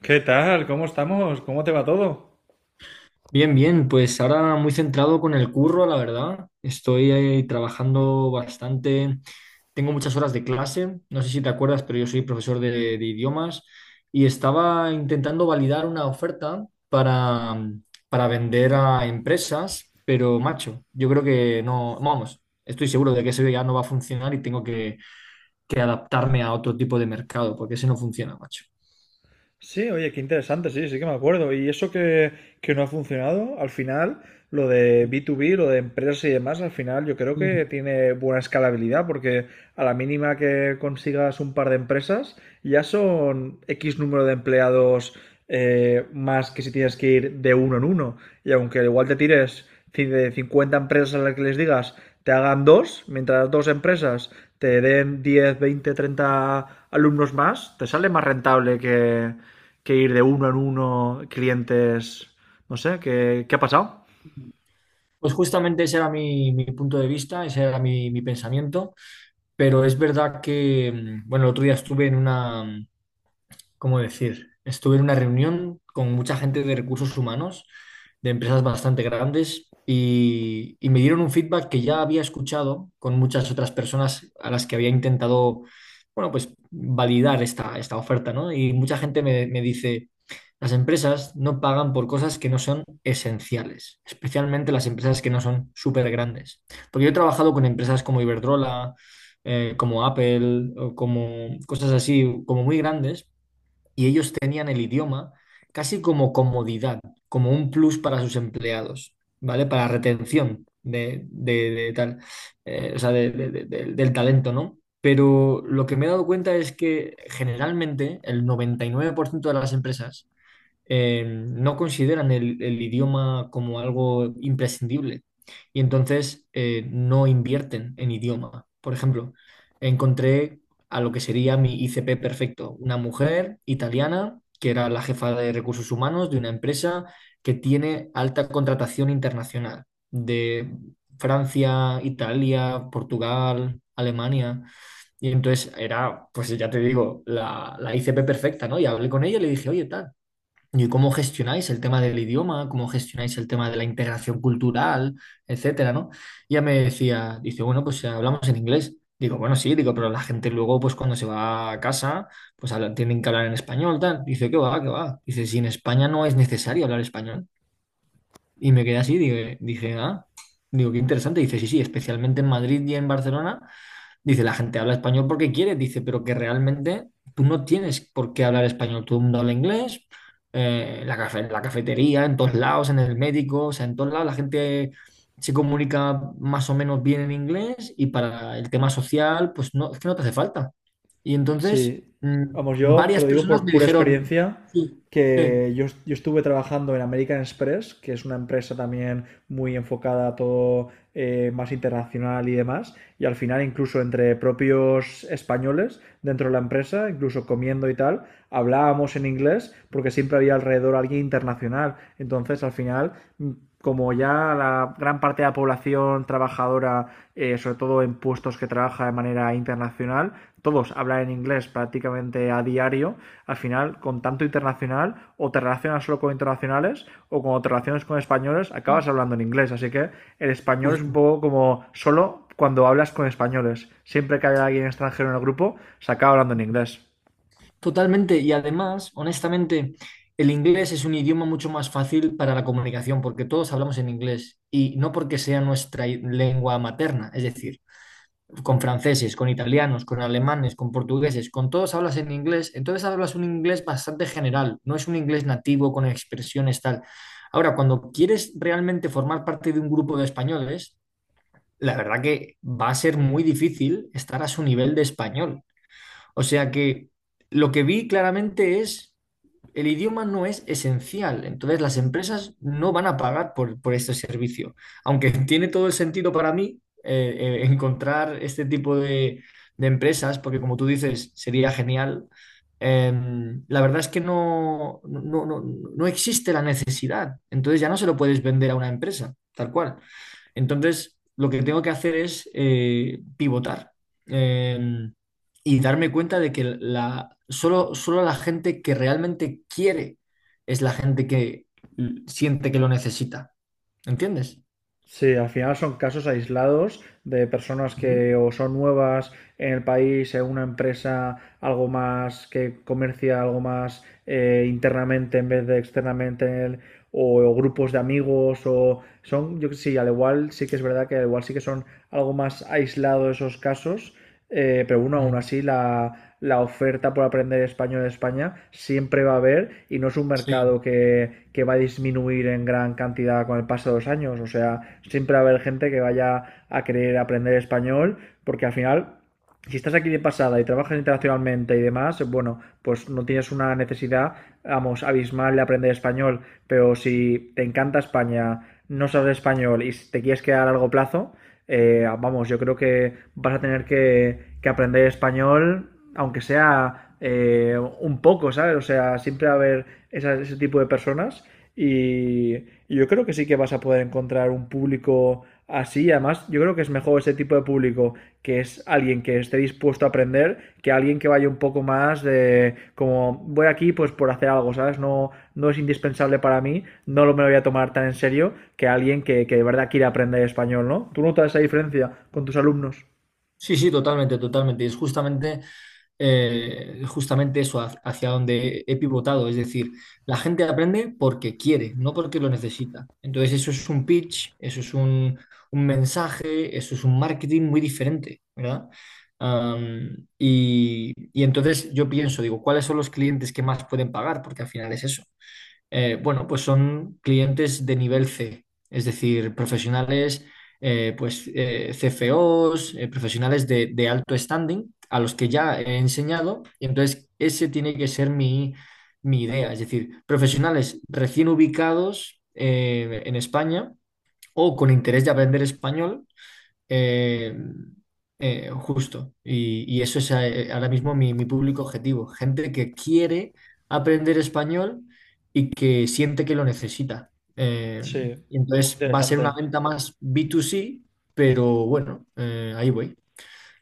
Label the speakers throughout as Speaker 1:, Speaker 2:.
Speaker 1: ¿Qué tal? ¿Cómo estamos? ¿Cómo te va todo?
Speaker 2: Bien, bien, pues ahora muy centrado con el curro, la verdad. Estoy ahí trabajando bastante, tengo muchas horas de clase, no sé si te acuerdas, pero yo soy profesor de idiomas y estaba intentando validar una oferta para vender a empresas, pero macho, yo creo que no, vamos, estoy seguro de que eso ya no va a funcionar y tengo que adaptarme a otro tipo de mercado, porque ese no funciona, macho.
Speaker 1: Sí, oye, qué interesante, sí, sí que me acuerdo. Y eso que no ha funcionado, al final, lo de B2B, lo de empresas y demás, al final yo creo que tiene buena escalabilidad, porque a la mínima que consigas un par de empresas, ya son X número de empleados, más que si tienes que ir de uno en uno. Y aunque igual te tires de 50 empresas a las que les digas, te hagan dos, mientras las dos empresas te den 10, 20, 30 alumnos más, te sale más rentable que ir de uno en uno, clientes, no sé, qué ha pasado?
Speaker 2: Pues justamente ese era mi punto de vista, ese era mi pensamiento, pero es verdad que, bueno, el otro día estuve en una, ¿cómo decir? Estuve en una reunión con mucha gente de recursos humanos, de empresas bastante grandes, y me dieron un feedback que ya había escuchado con muchas otras personas a las que había intentado, bueno, pues validar esta oferta, ¿no? Y mucha gente me dice, las empresas no pagan por cosas que no son esenciales, especialmente las empresas que no son súper grandes. Porque yo he trabajado con empresas como Iberdrola, como Apple, o como cosas así, como muy grandes, y ellos tenían el idioma casi como comodidad, como un plus para sus empleados, ¿vale? Para retención de tal, o sea, del talento, ¿no? Pero lo que me he dado cuenta es que generalmente el 99% de las empresas no consideran el idioma como algo imprescindible y entonces no invierten en idioma. Por ejemplo, encontré a lo que sería mi ICP perfecto, una mujer italiana que era la jefa de recursos humanos de una empresa que tiene alta contratación internacional de Francia, Italia, Portugal, Alemania. Y entonces era, pues ya te digo, la ICP perfecta, ¿no? Y hablé con ella y le dije, oye, tal. ¿Y cómo gestionáis el tema del idioma? ¿Cómo gestionáis el tema de la integración cultural, etcétera, ¿no? Y ella me decía, dice, bueno, pues hablamos en inglés. Digo, bueno, sí, digo, pero la gente luego, pues cuando se va a casa, pues tienen que hablar en español, tal. Dice, ¿qué va, qué va? Dice, si en España no es necesario hablar español. Y me quedé así, dije, ah, digo, qué interesante. Dice, sí, sí, especialmente en Madrid y en Barcelona. Dice, la gente habla español porque quiere, dice, pero que realmente tú no tienes por qué hablar español. Todo el mundo habla inglés, la en la cafetería, en todos lados, en el médico, o sea, en todos lados la gente se comunica más o menos bien en inglés y para el tema social, pues no, es que no te hace falta. Y entonces,
Speaker 1: Sí, vamos, yo te
Speaker 2: varias
Speaker 1: lo digo
Speaker 2: personas
Speaker 1: por
Speaker 2: me
Speaker 1: pura
Speaker 2: dijeron,
Speaker 1: experiencia,
Speaker 2: sí, sí,
Speaker 1: que yo estuve trabajando en American Express, que es una empresa también muy enfocada a todo más internacional y demás, y al final incluso entre propios españoles dentro de la empresa, incluso comiendo y tal, hablábamos en inglés porque siempre había alrededor alguien internacional. Entonces al final como ya la gran parte de la población trabajadora, sobre todo en puestos que trabaja de manera internacional, todos hablan en inglés prácticamente a diario, al final, con tanto internacional, o te relacionas solo con internacionales, o cuando te relacionas con españoles,
Speaker 2: sí,
Speaker 1: acabas hablando en inglés. Así que el español es un
Speaker 2: justo.
Speaker 1: poco como solo cuando hablas con españoles. Siempre que haya alguien extranjero en el grupo, se acaba hablando en inglés.
Speaker 2: Totalmente, y además, honestamente, el inglés es un idioma mucho más fácil para la comunicación porque todos hablamos en inglés y no porque sea nuestra lengua materna, es decir, con franceses, con italianos, con alemanes, con portugueses, con todos hablas en inglés, entonces hablas un inglés bastante general, no es un inglés nativo con expresiones tal. Ahora, cuando quieres realmente formar parte de un grupo de españoles, la verdad que va a ser muy difícil estar a su nivel de español. O sea que lo que vi claramente es, el idioma no es esencial, entonces las empresas no van a pagar por este servicio, aunque tiene todo el sentido para mí encontrar este tipo de empresas, porque como tú dices, sería genial. La verdad es que no, no, no, no existe la necesidad, entonces ya no se lo puedes vender a una empresa, tal cual. Entonces, lo que tengo que hacer es pivotar. Em, y darme cuenta de que solo, solo la gente que realmente quiere es la gente que siente que lo necesita. ¿Entiendes?
Speaker 1: Sí, al final son casos aislados de personas
Speaker 2: Ujú.
Speaker 1: que o son nuevas en el país, en una empresa, algo más que comercia, algo más internamente en vez de externamente, o grupos de amigos, o son, yo que sí, al igual sí que es verdad que al igual sí que son algo más aislados esos casos, pero bueno, aún
Speaker 2: Mm.
Speaker 1: así la oferta por aprender español en España siempre va a haber y no es un
Speaker 2: Sí.
Speaker 1: mercado que va a disminuir en gran cantidad con el paso de los años. O sea, siempre va a haber gente que vaya a querer aprender español porque al final si estás aquí de pasada y trabajas internacionalmente y demás, bueno, pues no tienes una necesidad, vamos, abismal de aprender español, pero si te encanta España, no sabes español y te quieres quedar a largo plazo, vamos, yo creo que vas a tener que aprender español, aunque sea un poco, ¿sabes? O sea, siempre va a haber ese tipo de personas y yo creo que sí que vas a poder encontrar un público así. Además, yo creo que es mejor ese tipo de público que es alguien que esté dispuesto a aprender que alguien que vaya un poco más de como voy aquí pues por hacer algo, ¿sabes? No, no es indispensable para mí, no lo me lo voy a tomar tan en serio que alguien que de verdad quiere aprender español, ¿no? ¿Tú notas esa diferencia con tus alumnos?
Speaker 2: Sí, sí, totalmente, totalmente. Y es justamente justamente eso hacia donde he pivotado. Es decir, la gente aprende porque quiere, no porque lo necesita. Entonces, eso es un pitch, eso es un mensaje, eso es un marketing muy diferente, ¿verdad? Y entonces yo pienso, digo, ¿cuáles son los clientes que más pueden pagar? Porque al final es eso. Bueno, pues son clientes de nivel C, es decir, profesionales CFOs, profesionales de alto standing a los que ya he enseñado. Y entonces ese tiene que ser mi idea, es decir, profesionales recién ubicados en España o con interés de aprender español eh, justo. Y eso es ahora mismo mi público objetivo. Gente que quiere aprender español y que siente que lo necesita. Eh,
Speaker 1: Sí,
Speaker 2: y
Speaker 1: muy
Speaker 2: entonces va a ser una
Speaker 1: interesante.
Speaker 2: venta más B2C, pero bueno, ahí voy.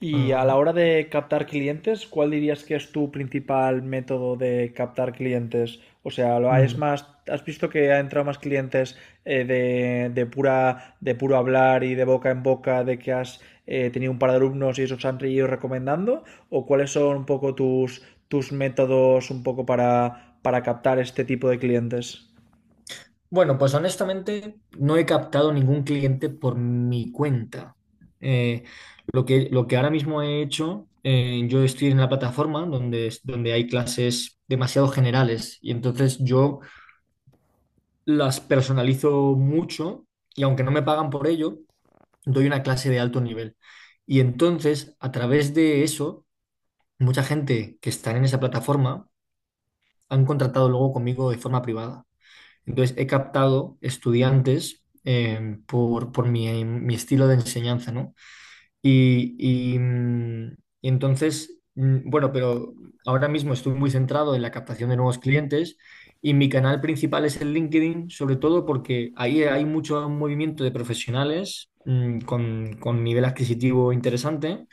Speaker 1: Y a
Speaker 2: Ah,
Speaker 1: la hora de captar clientes, ¿cuál dirías que es tu principal método de captar clientes? O sea, es
Speaker 2: mm.
Speaker 1: más, ¿has visto que ha entrado más clientes, de pura, de puro hablar y de boca en boca de que has tenido un par de alumnos y esos han ido recomendando? ¿O cuáles son un poco tus métodos un poco para captar este tipo de clientes?
Speaker 2: Bueno, pues honestamente no he captado ningún cliente por mi cuenta. Eh, lo que ahora mismo he hecho, yo estoy en la plataforma donde, donde hay clases demasiado generales y entonces yo las personalizo mucho y aunque no me pagan por ello, doy una clase de alto nivel. Y entonces, a través de eso, mucha gente que está en esa plataforma han contratado luego conmigo de forma privada. Entonces he captado estudiantes por mi estilo de enseñanza, ¿no? Y, y, mm, y entonces, bueno, pero ahora mismo estoy muy centrado en la captación de nuevos clientes y mi canal principal es el LinkedIn, sobre todo porque ahí hay mucho movimiento de profesionales con nivel adquisitivo interesante,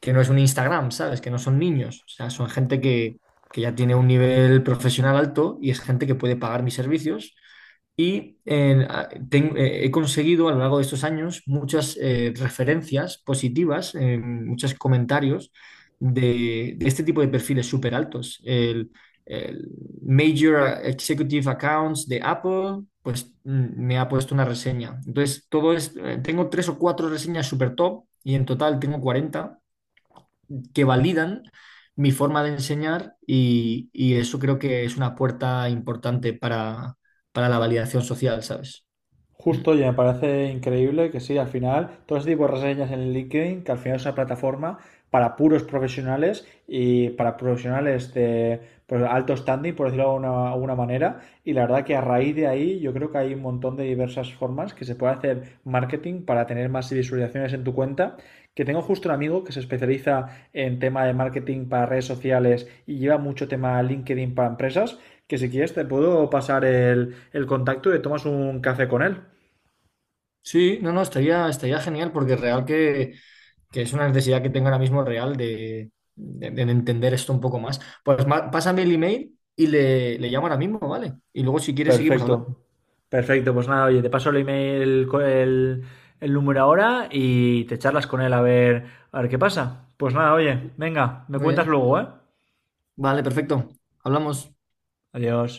Speaker 2: que no es un Instagram, ¿sabes? Que no son niños, o sea, son gente que ya tiene un nivel profesional alto y es gente que puede pagar mis servicios y he conseguido a lo largo de estos años muchas referencias positivas, muchos comentarios de este tipo de perfiles súper altos. El Major Executive Accounts de Apple, pues me ha puesto una reseña. Entonces, todo es, tengo tres o cuatro reseñas súper top y en total tengo 40 que validan mi forma de enseñar y eso creo que es una puerta importante para la validación social, ¿sabes? Mm.
Speaker 1: Justo, y me parece increíble que sí, al final, todo ese tipo de reseñas en LinkedIn, que al final es una plataforma para puros profesionales y para profesionales de pues, alto standing, por decirlo de alguna, alguna manera. Y la verdad que a raíz de ahí yo creo que hay un montón de diversas formas que se puede hacer marketing para tener más visualizaciones en tu cuenta. Que tengo justo un amigo que se especializa en tema de marketing para redes sociales y lleva mucho tema LinkedIn para empresas que si quieres te puedo pasar el contacto y tomas un café con él.
Speaker 2: Sí, no, no, estaría genial porque real que es una necesidad que tengo ahora mismo real de entender esto un poco más. Pues pásame el email y le llamo ahora mismo, ¿vale? Y luego si quieres seguimos hablando.
Speaker 1: Perfecto. Perfecto, pues nada, oye, te paso el email, el número ahora y te charlas con él a ver qué pasa. Pues nada, oye, venga, me
Speaker 2: Muy
Speaker 1: cuentas
Speaker 2: bien.
Speaker 1: luego, ¿eh?
Speaker 2: Vale, perfecto. Hablamos.
Speaker 1: Adiós.